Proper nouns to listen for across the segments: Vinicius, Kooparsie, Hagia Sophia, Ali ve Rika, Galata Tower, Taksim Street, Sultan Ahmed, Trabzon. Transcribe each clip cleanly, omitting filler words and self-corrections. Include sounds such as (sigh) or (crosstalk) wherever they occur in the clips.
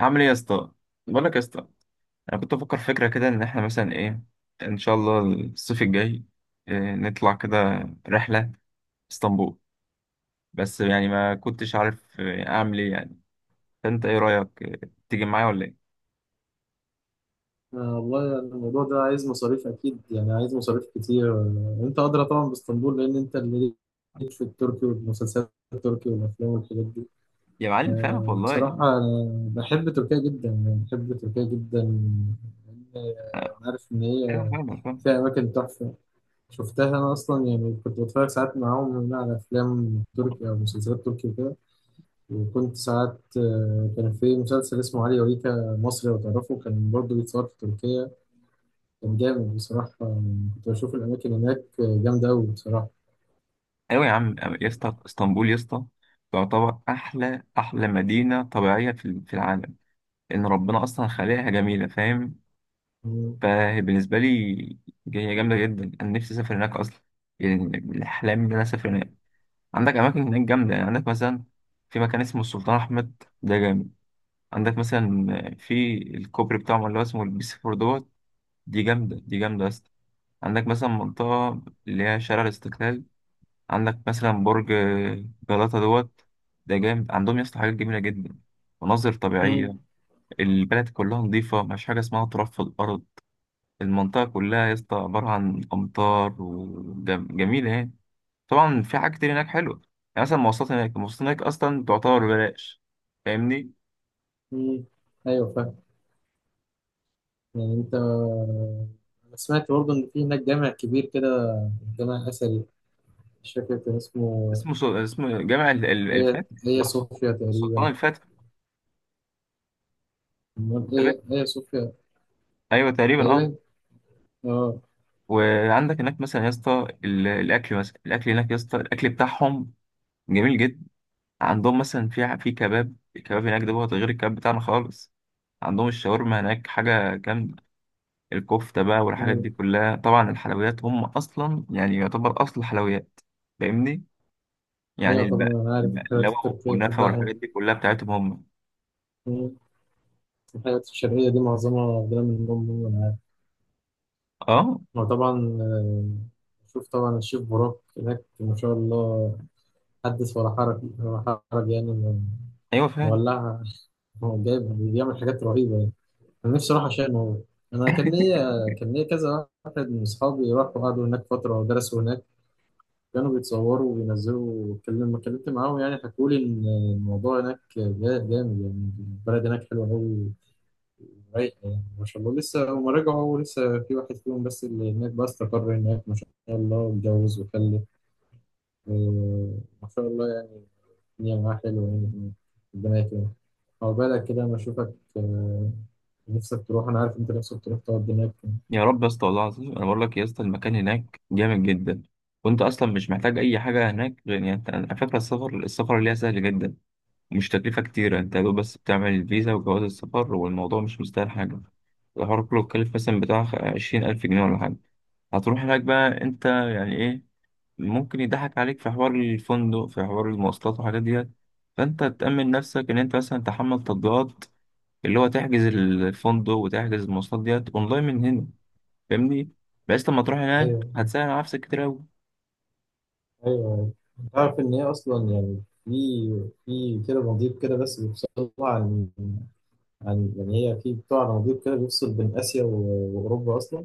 عامل ايه يا اسطى؟ بقول لك يا اسطى، انا كنت بفكر فكره كده ان احنا مثلا ايه، ان شاء الله الصيف الجاي إيه نطلع كده رحله اسطنبول. بس يعني ما كنتش عارف اعمل ايه يعني. فانت ايه رايك، تيجي معايا ولا ايه؟ آه والله، يعني الموضوع ده عايز مصاريف أكيد، يعني عايز مصاريف كتير. أنت أدرى طبعا باسطنبول، لأن أنت اللي ليك في التركي والمسلسلات التركي والأفلام والحاجات دي. يا معلم فاهمك آه والله. بصراحة أنا بحب تركيا جدا، يعني بحب تركيا جدا. لأن أنا- أنا عارف إن ايوه هي فاهمك فاهم. فيها أماكن تحفة، شفتها أنا أصلا. يعني كنت بتفرج ساعات معاهم هنا على أفلام تركي أو مسلسلات تركي وكده، وكنت ساعات كان في مسلسل اسمه علي وريكا مصري، لو تعرفه، كان برضه بيتصور في تركيا. كان جامد بصراحة، كنت بشوف الأماكن هناك جامدة أوي بصراحة. ايوه يا عم. يا اسطى اسطنبول يا اسطى تعتبر احلى احلى مدينه طبيعيه في العالم. ان ربنا اصلا خلقها جميله فاهم. مم. فهي بالنسبة لي هي جامدة جدا، أنا نفسي أسافر هناك أصلا. يعني من الأحلام إن أنا أسافر هناك. عندك أماكن هناك جامدة، يعني عندك مثلا في مكان اسمه السلطان أحمد، ده جامد. عندك مثلا في الكوبري بتاعهم اللي هو اسمه البيس فور دوت، دي جامدة، دي جامدة أصلا. عندك مثلا منطقة اللي هي شارع الاستقلال. عندك مثلا برج جلاتا دوت، ده جامد. عندهم يا اسطى حاجات جميلة جدا، مناظر طبيعية. مم. البلد كلها نظيفة، مفيش حاجة اسمها تراب في الأرض. المنطقة كلها يا اسطى عبارة عن أمطار وجميلة يعني. طبعا في حاجات كتير هناك حلوة، يعني مثلا مواصلات هناك، المواصلات هناك أصلا تعتبر ببلاش. فاهمني. مم. أيوة فاهم. يعني أنا سمعت برضه إن في هناك جامع كبير كده، جامع أثري، مش فاكر كان اسمه. اسمه جامع هي الفاتح اللي هي هو سلطان، صوفيا سلطان تقريبا. الفاتح. أمال تمام؟ هي هي صوفيا. أيوه تقريبا أه. تقريبا، أه. وعندك هناك مثلا يا اسطى الأكل، مثلا الأكل هناك يا اسطى، الأكل بتاعهم جميل جدا. عندهم مثلا في كباب، الكباب هناك ده غير الكباب بتاعنا خالص. عندهم الشاورما هناك حاجة جامدة. الكفتة بقى والحاجات أيوة. دي كلها، طبعا الحلويات هم أصلا يعني يعتبر أصل الحلويات. فاهمني. يعني أيوة طبعا، الب- أنا عارف الحاجات البقلاوة التركية والكنافة بتتباع هنا. والحاجات دي كلها بتاعتهم هم. مم. الحاجات الشرقية دي معظمها واخدها من أم، أنا عارف. اه، وطبعا، آه، شوف طبعا الشيف براك هناك ما شاء الله، حدث ولا حرج، ولا حرج. يعني إنه أيوة فعلا. مولعها، هو جايبها، بيعمل حاجات رهيبة يعني. أنا نفسي أروح عشان هو. أنا كان ليا كذا واحد من أصحابي راحوا قعدوا هناك فترة ودرسوا هناك، كانوا بيتصوروا وبينزلوا. لما اتكلمت معاهم يعني حكوا لي إن الموضوع هناك جامد، يعني البلد هناك حلوة أوي، رايقة. يعني ما شاء الله لسه هما رجعوا، لسه في واحد فيهم بس اللي هناك بقى، استقر هناك ما شاء الله، اتجوز وخلف. آه، ما شاء الله، الدنيا معاه حلوة يعني هناك. ربنا يكرمك. هو بالك كده لما أشوفك نفسك تروح، أنا عارف أنت نفسك تروح تقعد هناك. يا رب يا اسطى، والله العظيم أنا بقول لك يا اسطى المكان هناك جامد جدا. وأنت أصلا مش محتاج أي حاجة هناك، غير يعني أنت على فكرة السفر، اللي هي سهل جدا. مش تكلفة كتيرة، أنت يا دوب بس بتعمل الفيزا وجواز السفر، والموضوع مش مستاهل حاجة. الحوار كله اتكلف مثلا بتاع 20,000 جنيه ولا حاجة. هتروح هناك بقى أنت يعني إيه، ممكن يضحك عليك في حوار الفندق، في حوار المواصلات والحاجات ديت. فانت تأمن نفسك ان انت مثلا تحمل تطبيقات اللي هو تحجز الفندق وتحجز المواصلات ديت اونلاين من هنا. فاهمني. بس لما تروح هناك ايوه. هتسهل على نفسك كتير قوي. أيوه، تعرف إن هي أصلا يعني في كده مضيق كده، بس بيفصل عن يعني، هي في بتاع مضيق كده بيفصل بين آسيا وأوروبا أصلا،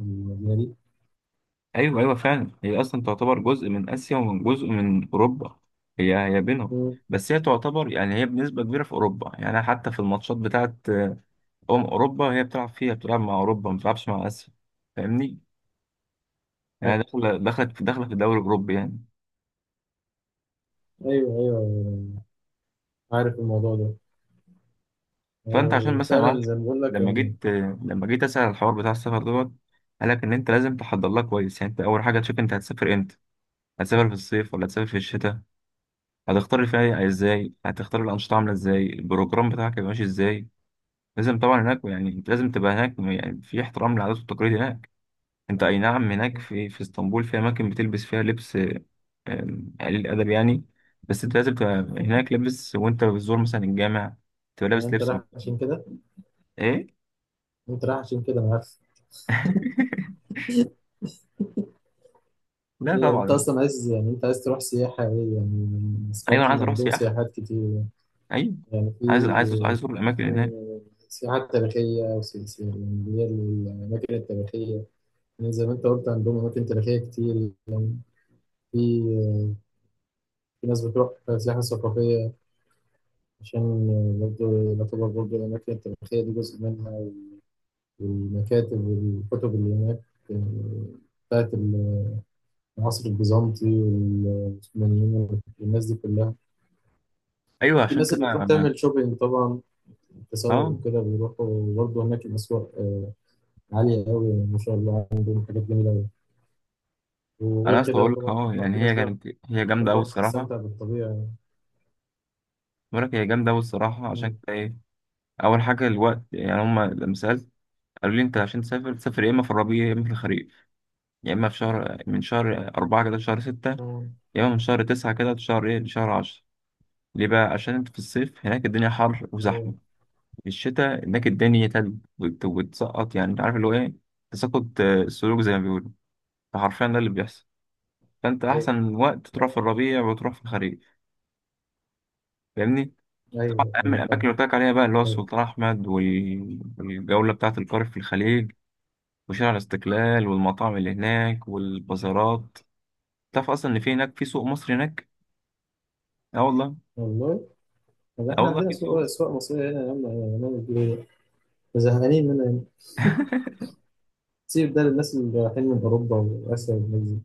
المدينة دي. ايوه، ايوه فعلا هي اصلا تعتبر جزء من اسيا ومن جزء من اوروبا، هي هي بينهم. مم. بس هي تعتبر يعني هي بنسبة كبيرة في اوروبا. يعني حتى في الماتشات بتاعت اوروبا، هي بتلعب فيها، بتلعب مع اوروبا ما بتلعبش مع اسيا. فاهمني. يعني أيوه. داخله في الدوري الاوروبي يعني. أيوه أيوة، عارف الموضوع ده. فانت عشان هو مثلا يا معلم، فعلا زي ما بقول لك لما جيت لما جيت اسال على الحوار بتاع السفر دوت، قال لك ان انت لازم تحضر لها كويس. يعني انت اول حاجه تشوف انت هتسافر امتى، هتسافر في الصيف ولا هتسافر في الشتاء، هتختار الفنادق ازاي، هتختار الانشطه عامله ازاي، البروجرام بتاعك هيبقى ماشي ازاي. لازم طبعا هناك يعني انت لازم تبقى هناك يعني في احترام للعادات والتقاليد هناك. انت اي نعم هناك في اسطنبول في اماكن بتلبس فيها لبس قليل الادب يعني، بس انت لازم تبقى هناك لابس، وانت بتزور مثلا الجامع تبقى إن لابس أنت لبس. رايح عشان كده. ايه؟ أنت رايح عشان كده، أنا عارف. (laughs) لا انت طبعا. اصلا عايز، يعني انت عايز تروح سياحة ايه يعني؟ ايوه سمعت انا عايز ان اروح عندهم سياحه، سياحات كتير. ايوه يعني في عايز، عايز اروح الاماكن كان هناك. سياحات تاريخية، يعني اللي هي الأماكن التاريخية. يعني زي ما انت قلت، عندهم أماكن تاريخية كتير. في في ناس بتروح سياحة ثقافية، عشان برضه يعتبر برضه الأماكن التاريخية دي جزء منها، والمكاتب والكتب اللي هناك آه، بتاعت العصر البيزنطي والعثمانيين والناس دي كلها. ايوه وفي عشان ناس اللي كده بتروح انا، تعمل شوبينج طبعا، تسوق اه وكده، بيروحوا برضه هناك الأسواق عالية قوي ما شاء الله، عندهم حاجات جميلة قوي. انا وغير اصلا كده بقول لك طبعا اهو، يعني في ناس هي بقى كانت هي جامده قوي بتروح الصراحه. تستمتع بالطبيعة. بقول لك هي جامده قوي الصراحه، عشان مم. كده ايه اول حاجه الوقت، يعني هم لما سالت قالوا لي انت عشان تسافر، تسافر يا اما في الربيع يا اما في الخريف، يا اما في شهر، من شهر 4 كده لشهر ستة، مم. يا اما من شهر 9 كده لشهر عشرة. ليه بقى؟ عشان انت في الصيف هناك الدنيا حر وزحمه، أيوه. في الشتاء هناك الدنيا تلج وتسقط، يعني انت عارف اللي هو ايه، تساقط السلوك زي ما بيقولوا. فحرفيا ده اللي بيحصل. فانت أيوه. احسن وقت تروح في الربيع وتروح في الخريف. فاهمني. طبعا أيوه اهم أيوه الاماكن فاهم. اللي قلت لك عليها بقى، اللي هو أيوه. السلطان احمد والجوله بتاعه القارب في الخليج، وشارع الاستقلال، والمطاعم اللي هناك، والبازارات. تعرف اصلا ان في هناك في سوق مصري هناك؟ اه والله. والله، طب اه احنا والله عندنا في سوق سوق، مصري. أسواق مصرية هنا يا عم، هنعمل فيها إيه؟ زهقانين منها هنا. (laughs) سيب ده للناس اللي رايحين من أوروبا وآسيا والناس دي.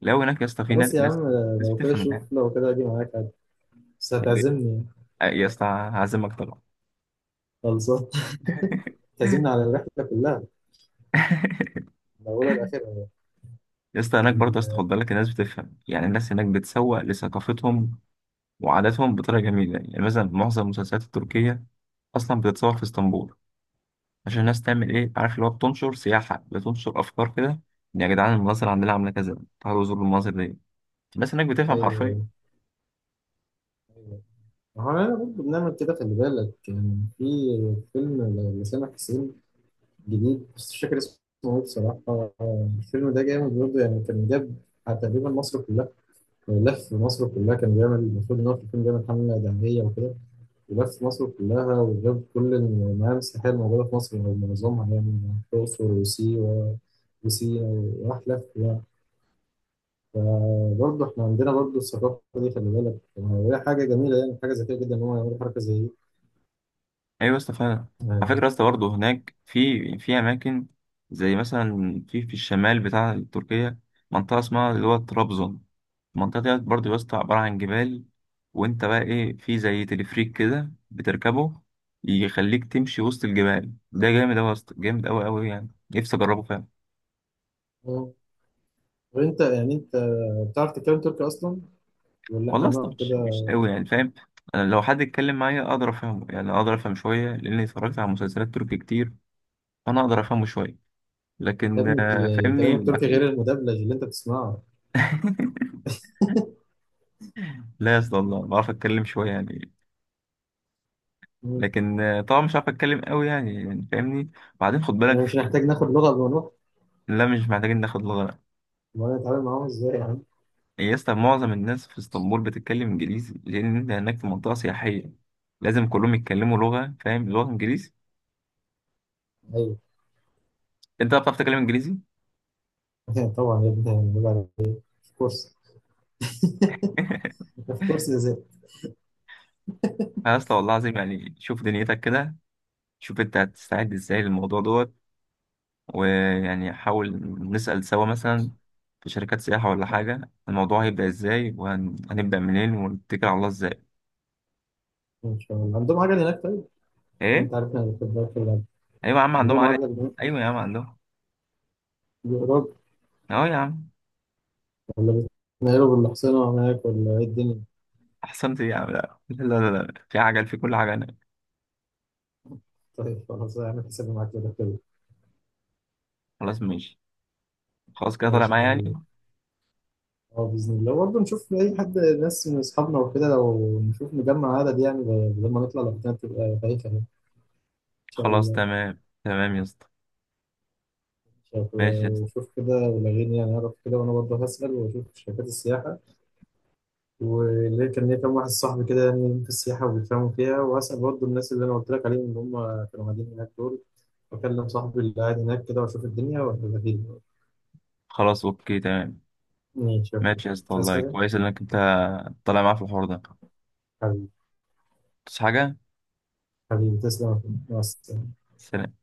لو هناك يا اسطى في ناس خلاص يا ناس عم، ناس لو كده بتفهم هناك. شوف، لو كده أجي معاك عادي. بس هتعزمني يعني. يا اسطى هعزمك طبعا. خلصان. (laughs) تعزمني على (laughs) الرحلة كلها، الأولى الأخيرة. يا اسطى هناك برضه يا اسطى، ال- خد بالك الناس بتفهم، يعني الناس هناك بتسوق لثقافتهم وعاداتهم بطريقة جميلة. يعني مثلا معظم المسلسلات التركية أصلا بتتصور في اسطنبول، عشان الناس تعمل إيه عارف اللي هو، بتنشر سياحة، بتنشر أفكار كده، إن يا جدعان المناظر عندنا عاملة كذا، تعالوا زوروا المناظر دي. الناس هناك بتفهم حرفيا. أيوه. أيوه، ما هو أنا برضه بنعمل كده، خلي بالك يعني. في فيلم لسامح حسين جديد، بس مش فاكر اسمه إيه بصراحة. الفيلم ده جامد برضه يعني، كان جاب تقريبا مصر كلها، لف مصر كلها. كان بيعمل، المفروض إن هو في الفيلم بيعمل حملة دعمية وكده، ولف مصر كلها وجاب كل المعالم السياحية الموجودة في مصر، أو معظمها يعني. الأقصر وسيوة وسينا، وراح لف يعني. برضه احنا عندنا برضه الثقافة دي، خلي بالك يعني، وهي حاجة جميلة، يعني حاجة ذكية جدا إن هم يعملوا حركة زي دي ايوه يا اسطى فعلا. على يعني. فكره يا اسطى برضه هناك في، في اماكن زي مثلا في الشمال بتاع تركيا منطقه اسمها اللي هو طرابزون. المنطقه ديت برضه يا اسطى عباره عن جبال، وانت بقى ايه في زي تلفريك كده بتركبه، يخليك تمشي وسط الجبال. ده جامد اوي يا اسطى، جامد اوي اوي، يعني نفسي اجربه فعلا. آه. وأنت يعني، أنت بتعرف تتكلم تركي أصلا، ولا والله احنا يا اسطى هنقعد مش كده؟ مش اوي يعني فاهم. انا لو حد اتكلم معايا اقدر افهمه، يعني اقدر افهم شويه لاني اتفرجت على مسلسلات تركي كتير، فانا اقدر افهمه شويه. يا لكن ابني آه، كلام فاهمني. التركي غير المدبلج اللي أنت بتسمعه. لا يا اسطى والله بعرف اتكلم شويه يعني. مم. لكن طبعا مش عارف اتكلم قوي يعني، يعني فاهمني. وبعدين خد بالك يعني مش في... هنحتاج ناخد لغة قبل ما نروح، لا مش محتاجين ناخد لغه. ولا نتعامل معاهم إزاي يا عم؟ يا اسطى معظم الناس في اسطنبول بتتكلم انجليزي، لان انت هناك في منطقه سياحيه لازم كلهم يتكلموا لغه، فاهم، لغه انجليزي. أيوه. انت بقى بتعرف تتكلم انجليزي؟ (laughs) طبعا يا ابني، هنبقى في كورس. (laughs) (laughs) في كورس إزاي؟ يا اسطى والله العظيم، يعني شوف دنيتك كده، شوف انت هتستعد ازاي للموضوع دوت. ويعني حاول نسأل سوا مثلا في شركات سياحة ولا حاجة، الموضوع هيبدأ ازاي وهنبدأ منين ونتكل على الله ازاي. إن شاء الله عندهم عجل هناك طيب؟ مش ايه؟ أنت عارف إحنا هناخد بالك ولا؟ ايوه يا عم عندهم عندهم عجل. عجل هناك، ايوه يا عم عندهم. بيقرب؟ اهو يا عم. ولا بيتنقلوا بالحصينة هناك، ولا إيه الدنيا؟ احسنت إيه يا عم، لا لا لا لا، في عجل في كل حاجه هناك. طيب خلاص، هعمل حسابي معاك كده كده. خلاص ماشي. خلاص كده طالع ماشي يا معايا حبيبي. يعني. اه باذن الله، برضه نشوف اي حد، ناس من اصحابنا وكده، لو نشوف نجمع عدد يعني، لما نطلع لوحدنا تبقى بايخه. يعني ان شاء خلاص الله. تمام تمام يا اسطى. ماشي يا اسطى. وشوف كده ولغيني، يعني اعرف كده، وانا برضه هسأل واشوف شركات السياحه. واللي كان ليا كام واحد صاحبي كده، يعني في السياحه وبيفهموا فيها، وهسأل برضه الناس اللي انا قلت لك عليهم، اللي هم كانوا قاعدين هناك دول، واكلم صاحبي اللي قاعد هناك كده، واشوف الدنيا وهبقى فيه. خلاص اوكي تمام. ماشي يا أخوي. ماشي يا اسطى، مش عايز والله حاجه كويس انك انت طالع معايا في الحوار ده. حبيبي. بس حاجه. حبيبي تسلم يا أخوي. مع السلامه. سلام.